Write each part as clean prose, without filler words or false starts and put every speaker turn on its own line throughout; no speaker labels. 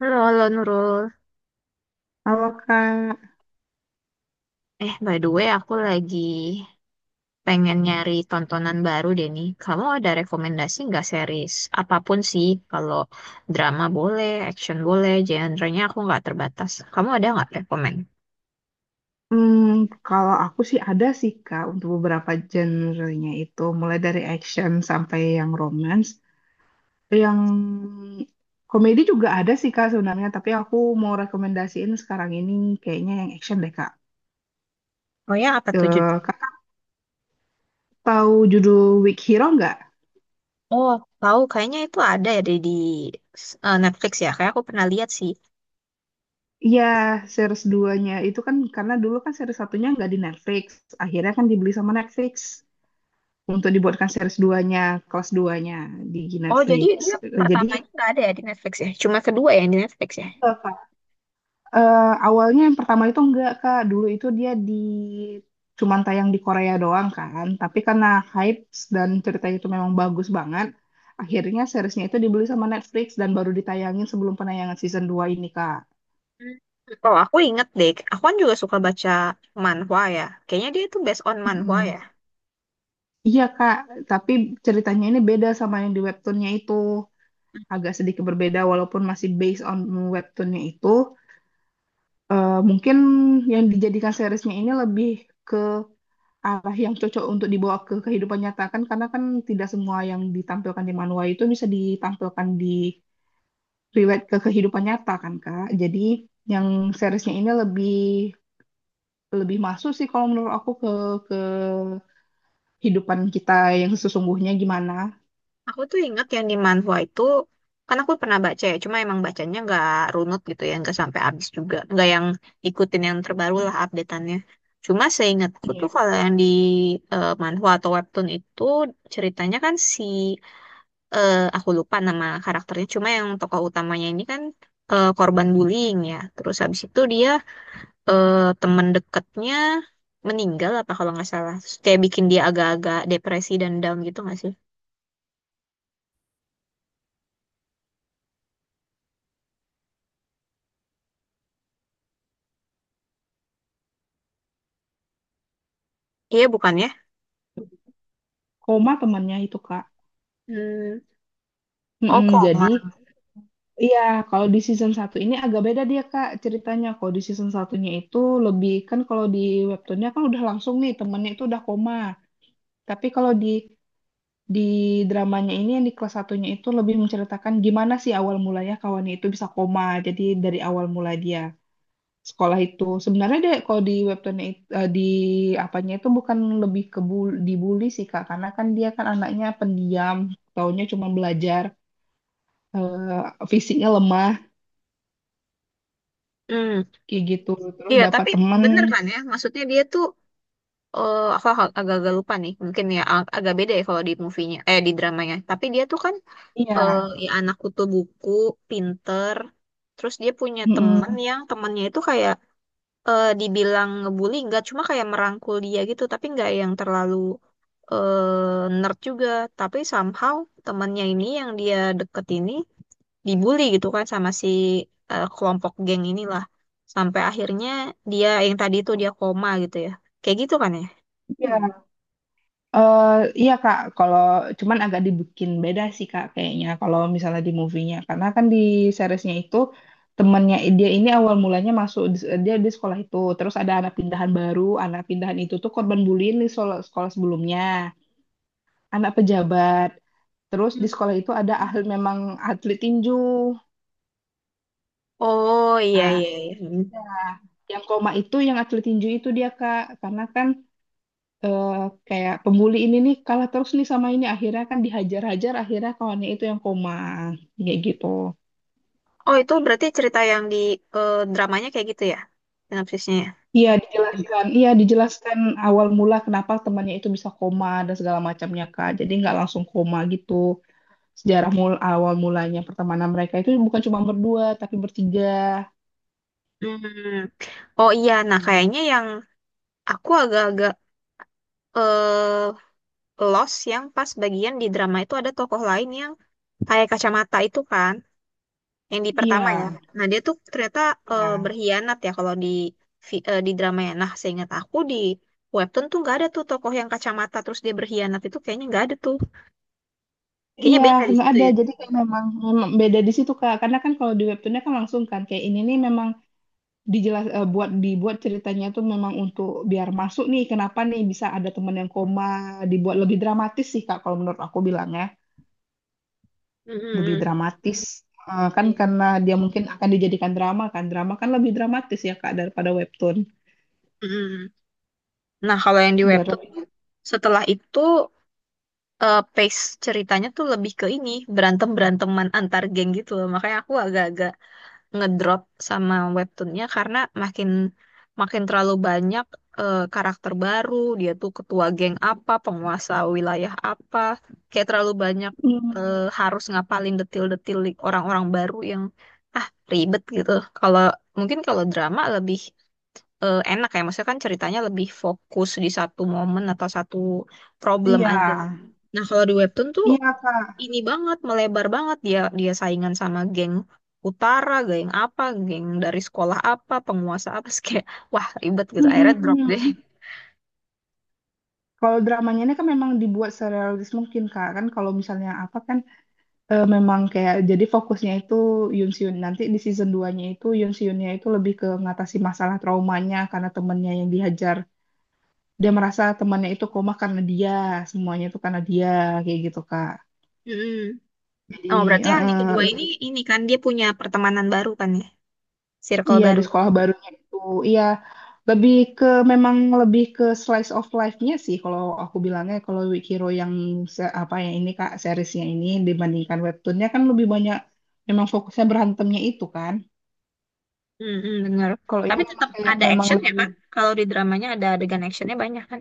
Halo, halo Nurul.
Kalau Kak,
By the way, aku lagi pengen nyari tontonan baru deh nih. Kamu ada rekomendasi nggak series? Apapun sih, kalau drama boleh, action boleh, genre-nya aku nggak terbatas. Kamu ada nggak rekomend?
hmm, kalau aku sih ada sih Kak untuk beberapa genre-nya itu, mulai dari action sampai yang romance, yang komedi juga ada sih Kak sebenarnya, tapi aku mau rekomendasiin sekarang ini kayaknya yang action deh Kak.
Oh ya, apa tuh
Eh,
judulnya?
Kakak tahu judul Weak Hero nggak?
Oh, tahu. Kayaknya itu ada ya di Netflix ya. Kayak aku pernah lihat sih.
Iya, series duanya itu kan karena dulu kan series satunya nggak di Netflix, akhirnya kan dibeli sama Netflix untuk dibuatkan series duanya, kelas duanya nya di
Oh, jadi
Netflix.
dia
Eh, Jadi
pertamanya nggak ada ya di Netflix ya? Cuma kedua ya yang di Netflix ya?
itu Awalnya yang pertama itu enggak Kak, dulu itu dia di cuman tayang di Korea doang kan, tapi karena hype dan ceritanya itu memang bagus banget, akhirnya seriesnya itu dibeli sama Netflix dan baru ditayangin sebelum penayangan season dua ini Kak.
Hmm. Oh, aku inget deh. Aku kan juga suka baca manhwa ya. Kayaknya dia itu based on manhwa ya.
Mm-mm. Iya Kak, tapi ceritanya ini beda sama yang di webtoonnya itu, agak sedikit berbeda walaupun masih based on webtoonnya itu, mungkin yang dijadikan seriesnya ini lebih arah yang cocok untuk dibawa ke kehidupan nyata kan karena kan tidak semua yang ditampilkan di manual itu bisa ditampilkan di relate ke kehidupan nyata kan Kak. Jadi yang seriesnya ini lebih lebih masuk sih kalau menurut aku ke kehidupan kita yang sesungguhnya gimana.
Aku tuh inget yang di manhwa itu, kan aku pernah baca ya, cuma emang bacanya nggak runut gitu ya, nggak sampai habis juga. Nggak yang ikutin yang terbaru lah updateannya. Cuma seingatku tuh
Iya.
kalau yang di manhwa atau webtoon itu ceritanya kan si, aku lupa nama karakternya, cuma yang tokoh utamanya ini kan korban bullying ya. Terus habis itu dia eh, teman dekatnya meninggal apa kalau nggak salah. Terus kayak bikin dia agak-agak depresi dan down gitu nggak sih? Iya bukan ya?
Koma temannya itu Kak.
Hmm. Oh
Mm-mm,
koma.
jadi iya, kalau di season satu ini agak beda dia Kak ceritanya. Kalau di season satunya itu lebih kan kalau di webtoonnya kan udah langsung nih temennya itu udah koma. Tapi kalau di dramanya ini yang di kelas satunya itu lebih menceritakan gimana sih awal mulanya kawannya itu bisa koma. Jadi dari awal mula dia sekolah itu sebenarnya deh kalau di webtoonnya di apanya itu bukan lebih ke dibully sih Kak karena kan dia kan anaknya pendiam, taunya cuma belajar, fisiknya lemah
Hmm.
kayak gitu. Terus
Iya
dapat
tapi
teman,
bener kan ya? Maksudnya dia tuh aku agak-agak lupa nih. Mungkin ya agak beda ya kalau di movie-nya, eh di dramanya. Tapi dia tuh kan eh
iya,
ya anak kutu buku, pinter. Terus dia punya teman
mm
yang temannya itu kayak dibilang ngebully nggak cuma kayak merangkul dia gitu tapi nggak yang terlalu nerd juga tapi somehow temannya ini yang dia deket ini dibully gitu kan sama si kelompok geng inilah sampai akhirnya dia yang tadi itu dia koma gitu ya kayak gitu kan ya.
eh iya Kak, kalau cuman agak dibikin beda sih Kak kayaknya kalau misalnya di movie-nya. Karena kan di seriesnya itu temennya dia ini awal mulanya masuk dia di sekolah itu, terus ada anak pindahan baru, anak pindahan itu tuh korban bullying di sekolah, sekolah sebelumnya, anak pejabat. Terus di
Hmm.
sekolah itu ada ahli memang atlet tinju.
Oh iya
Nah,
iya iya. Hmm.
ya, yang koma itu yang atlet tinju itu dia Kak, karena kan eh, kayak pembuli ini nih kalah terus nih sama ini akhirnya kan dihajar-hajar akhirnya kawannya itu yang koma kayak gitu.
Oh itu berarti cerita yang di dramanya kayak gitu ya sinopsisnya ya.
Iya dijelaskan awal mula kenapa temannya itu bisa koma dan segala macamnya Kak. Jadi nggak langsung koma gitu. Sejarah mul awal mulanya pertemanan mereka itu bukan cuma berdua tapi bertiga.
Hmm. Oh iya, nah kayaknya yang aku agak-agak eh, Lost yang pas bagian di drama itu ada tokoh lain yang pakai kacamata itu kan, yang di
Iya,
pertama ya. Nah, dia tuh ternyata
iya,
berkhianat ya kalau di di drama ya. Nah, seingat aku di webtoon tuh nggak ada tuh tokoh yang kacamata terus dia berkhianat itu kayaknya nggak ada tuh. Kayaknya
iya,
beda di
nggak
situ
ada.
ya.
Jadi kayak memang, memang beda di situ Kak. Karena kan kalau di webtoonnya kan langsung kan kayak ini nih memang buat dibuat ceritanya tuh memang untuk biar masuk nih kenapa nih bisa ada teman yang koma dibuat lebih dramatis sih Kak kalau menurut aku bilangnya lebih
Mm-mm.
dramatis. Kan
Iya.
karena dia mungkin akan dijadikan drama kan lebih dramatis ya Kak daripada webtoon
Mm-mm. Nah, kalau yang di
biar
webtoon
lebih
tuh, setelah itu pace ceritanya tuh lebih ke ini berantem beranteman antar geng gitu loh. Makanya aku agak-agak ngedrop sama webtoonnya karena makin makin terlalu banyak karakter baru dia tuh ketua geng apa penguasa wilayah apa kayak terlalu banyak
hmm,
harus ngapalin orang-orang baru yang ah ribet gitu kalau mungkin kalau drama lebih enak ya maksudnya kan ceritanya lebih fokus di satu momen atau satu problem
iya
aja. Nah kalau di webtoon tuh
iya Kak.
ini banget melebar banget dia dia saingan sama geng utara, geng apa, geng dari sekolah apa, penguasa apa, Terus kayak wah ribet gitu. Akhirnya drop deh.
Mm-mm. Kalau dramanya ini kan memang dibuat serealis mungkin Kak kan kalau misalnya apa kan, memang kayak jadi fokusnya itu Yun Seon. Nanti di season 2-nya itu Yun Seonnya itu lebih ke ngatasi masalah traumanya karena temennya yang dihajar. Dia merasa temannya itu koma karena dia, semuanya itu karena dia kayak gitu Kak.
Mm-mm.
Jadi
Oh berarti
eh,
yang di
eh,
kedua ini
lebih
ini kan dia punya pertemanan baru kan ya, circle
iya di
baru.
sekolah barunya itu iya lebih ke memang lebih ke slice of life-nya sih kalau aku bilangnya kalau Weak Hero yang se- apa ya ini Kak seriesnya ini dibandingkan webtoonnya kan lebih banyak memang fokusnya berantemnya itu kan.
Mm-mm, bener.
Kalau ini
Tapi
memang
tetap
kayak
ada
memang
action ya
lebih
kan? Kalau di dramanya ada adegan actionnya banyak kan?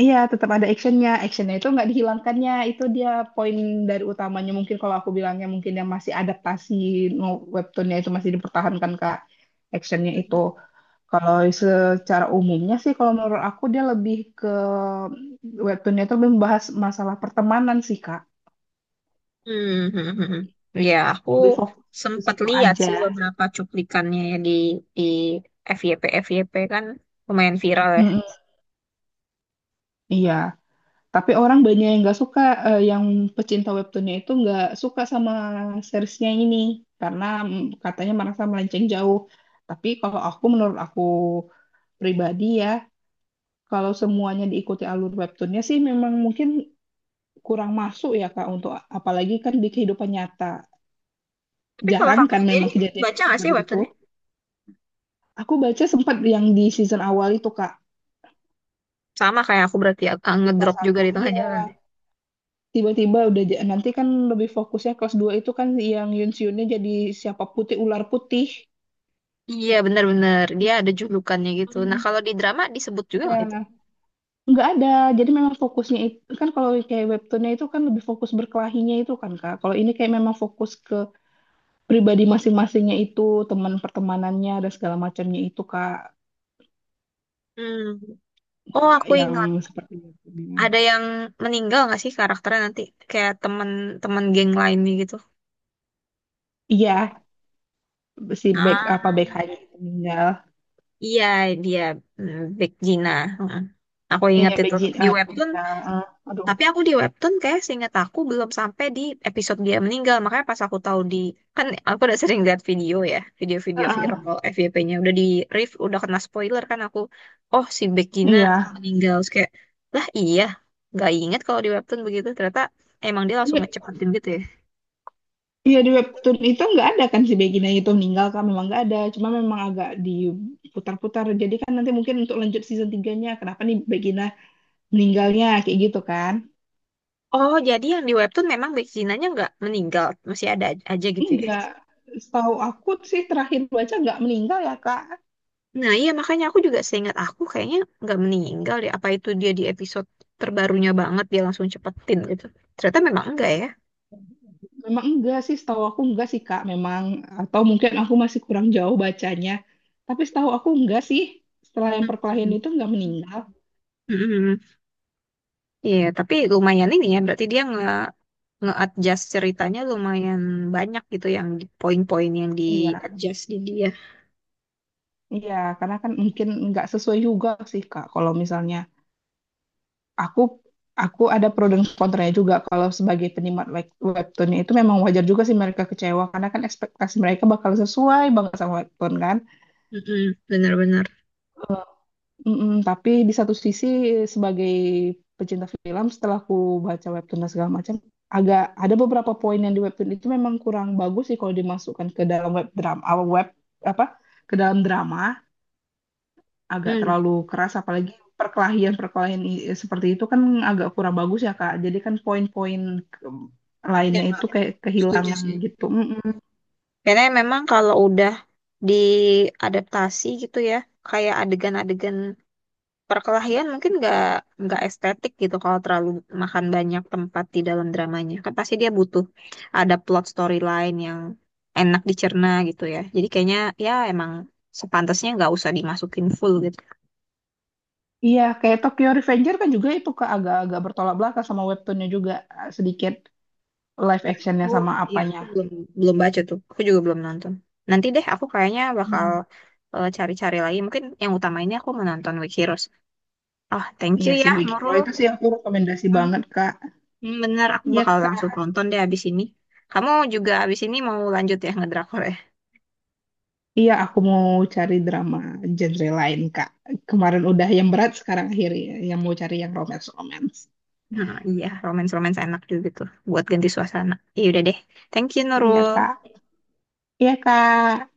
iya tetap ada actionnya, actionnya itu nggak dihilangkannya itu dia poin dari utamanya mungkin kalau aku bilangnya mungkin yang masih adaptasi webtoonnya itu masih dipertahankan Kak actionnya itu. Kalau secara umumnya sih kalau menurut aku dia lebih ke webtoonnya itu lebih membahas masalah pertemanan sih Kak,
Hmm, hmm, hmm. Ya, aku
lebih fokus ke
sempat
situ
lihat
aja.
sih beberapa cuplikannya ya di FYP FYP kan lumayan viral ya.
Mm-mm. Iya. Tapi orang banyak yang nggak suka, yang pecinta webtoonnya itu nggak suka sama seriesnya ini karena katanya merasa melenceng jauh. Tapi kalau aku menurut aku pribadi ya, kalau semuanya diikuti alur webtoonnya sih memang mungkin kurang masuk ya Kak untuk apalagi kan di kehidupan nyata.
Tapi kalau
Jarang
kamu
kan
sendiri
memang kejadian
baca nggak sih
seperti itu.
webtoonnya?
Aku baca sempat yang di season awal itu Kak.
Sama kayak aku berarti ah,
Lupa
ngedrop juga
satu,
di tengah
iya.
jalan ya.
Tiba-tiba udah nanti kan lebih fokusnya kelas 2 itu kan yang Yunsiunnya jadi siapa putih ular putih.
Iya benar-benar dia ada julukannya gitu. Nah
Hmm.
kalau di drama disebut juga
Iya,
nggak itu?
nggak ada. Jadi memang fokusnya itu kan kalau kayak webtoonnya itu kan lebih fokus berkelahinya itu kan Kak. Kalau ini kayak memang fokus ke pribadi masing-masingnya itu, teman pertemanannya dan segala macamnya itu Kak.
Hmm. Oh
Nggak
aku
yang
ingat
seperti webtoonnya.
ada yang meninggal nggak sih karakternya nanti kayak teman-teman geng lainnya gitu.
Iya, si back apa back
Ah
hanya meninggal.
iya dia hmm, Big Gina. Mm. Aku ingat
Iya,
itu di webtoon.
Begina, ah, aduh.
Tapi aku di webtoon kayak seingat aku belum sampai di episode dia meninggal. Makanya pas aku tahu di kan aku udah sering lihat video ya,
Ah,
video-video viral
ah,
kalau FYP-nya udah di riff, udah kena spoiler kan aku. Oh, si Begina
Iya,
meninggal. Terus kayak lah iya, nggak inget kalau di webtoon begitu. Ternyata emang dia langsung
iya.
ngecepatin gitu ya.
Iya di webtoon itu nggak ada kan si Begina itu meninggal kan memang nggak ada cuma memang agak diputar-putar jadi kan nanti mungkin untuk lanjut season 3-nya kenapa nih Begina meninggalnya kayak gitu kan
Oh, jadi yang di webtoon memang Beginanya nggak meninggal, masih ada aja gitu ya.
enggak, setahu aku sih terakhir baca nggak meninggal ya kak.
Nah, iya makanya aku juga seingat aku kayaknya nggak meninggal deh. Apa itu dia di episode terbarunya banget dia langsung cepetin gitu. Ternyata memang enggak ya.
Memang enggak sih setahu aku enggak sih kak memang atau mungkin aku masih kurang jauh bacanya, tapi setahu aku enggak sih setelah yang perkelahian
Mm-mm.
itu nggak meninggal.
Mm-mm. Iya, tapi lumayan ini ya. Berarti dia nge-adjust ceritanya lumayan banyak gitu yang di- poin-poin yang
Iya,
di-adjust di dia.
iya karena kan mungkin nggak sesuai juga sih kak kalau misalnya aku aku ada pro dan kontranya juga kalau sebagai penikmat webtoonnya itu memang wajar juga sih mereka kecewa karena kan ekspektasi mereka bakal sesuai banget sama webtoon kan.
Mm-mm. Benar-benar.
Eh, Mm-mm, tapi di satu sisi sebagai pecinta film setelah aku baca webtoon dan segala macam agak ada beberapa poin yang di webtoon itu memang kurang bagus sih kalau dimasukkan ke dalam web drama web apa ke dalam drama agak
Hmm.
terlalu keras apalagi seperti itu kan agak kurang bagus ya Kak. Jadi kan poin-poin ke-
Iya,
lainnya itu
Kak.
kayak
Setuju
kehilangan
sih.
gitu. Mm-mm.
Karena memang kalau udah diadaptasi gitu ya, kayak adegan-adegan perkelahian mungkin nggak estetik gitu kalau terlalu makan banyak tempat di dalam dramanya kan pasti dia butuh ada plot storyline yang enak dicerna gitu ya jadi kayaknya ya emang sepantasnya nggak usah dimasukin full gitu.
Iya, kayak Tokyo Revenger kan juga itu Kak agak-agak bertolak belakang sama webtoonnya juga sedikit live
aku
actionnya sama
iya
apanya.
aku belum belum baca tuh aku juga belum nonton. Nanti deh aku kayaknya bakal
Mm.
cari-cari lagi mungkin yang utama ini aku menonton Weak Heroes. Oh thank you
Iya
ya
sih, Weak Hero
Nurul.
itu sih aku rekomendasi
Hmm,
banget Kak.
hmm, bener aku
Iya
bakal
Kak.
langsung nonton deh abis ini. Kamu juga abis ini mau lanjut ya ngedrakor ya?
Iya, aku mau cari drama genre lain Kak. Kemarin udah yang berat, sekarang akhirnya yang mau cari yang romance-romance.
Nah, iya, romance-romance enak juga tuh buat ganti suasana. Iya udah deh. Thank you,
Iya
Nurul.
Kak. Iya, Kak.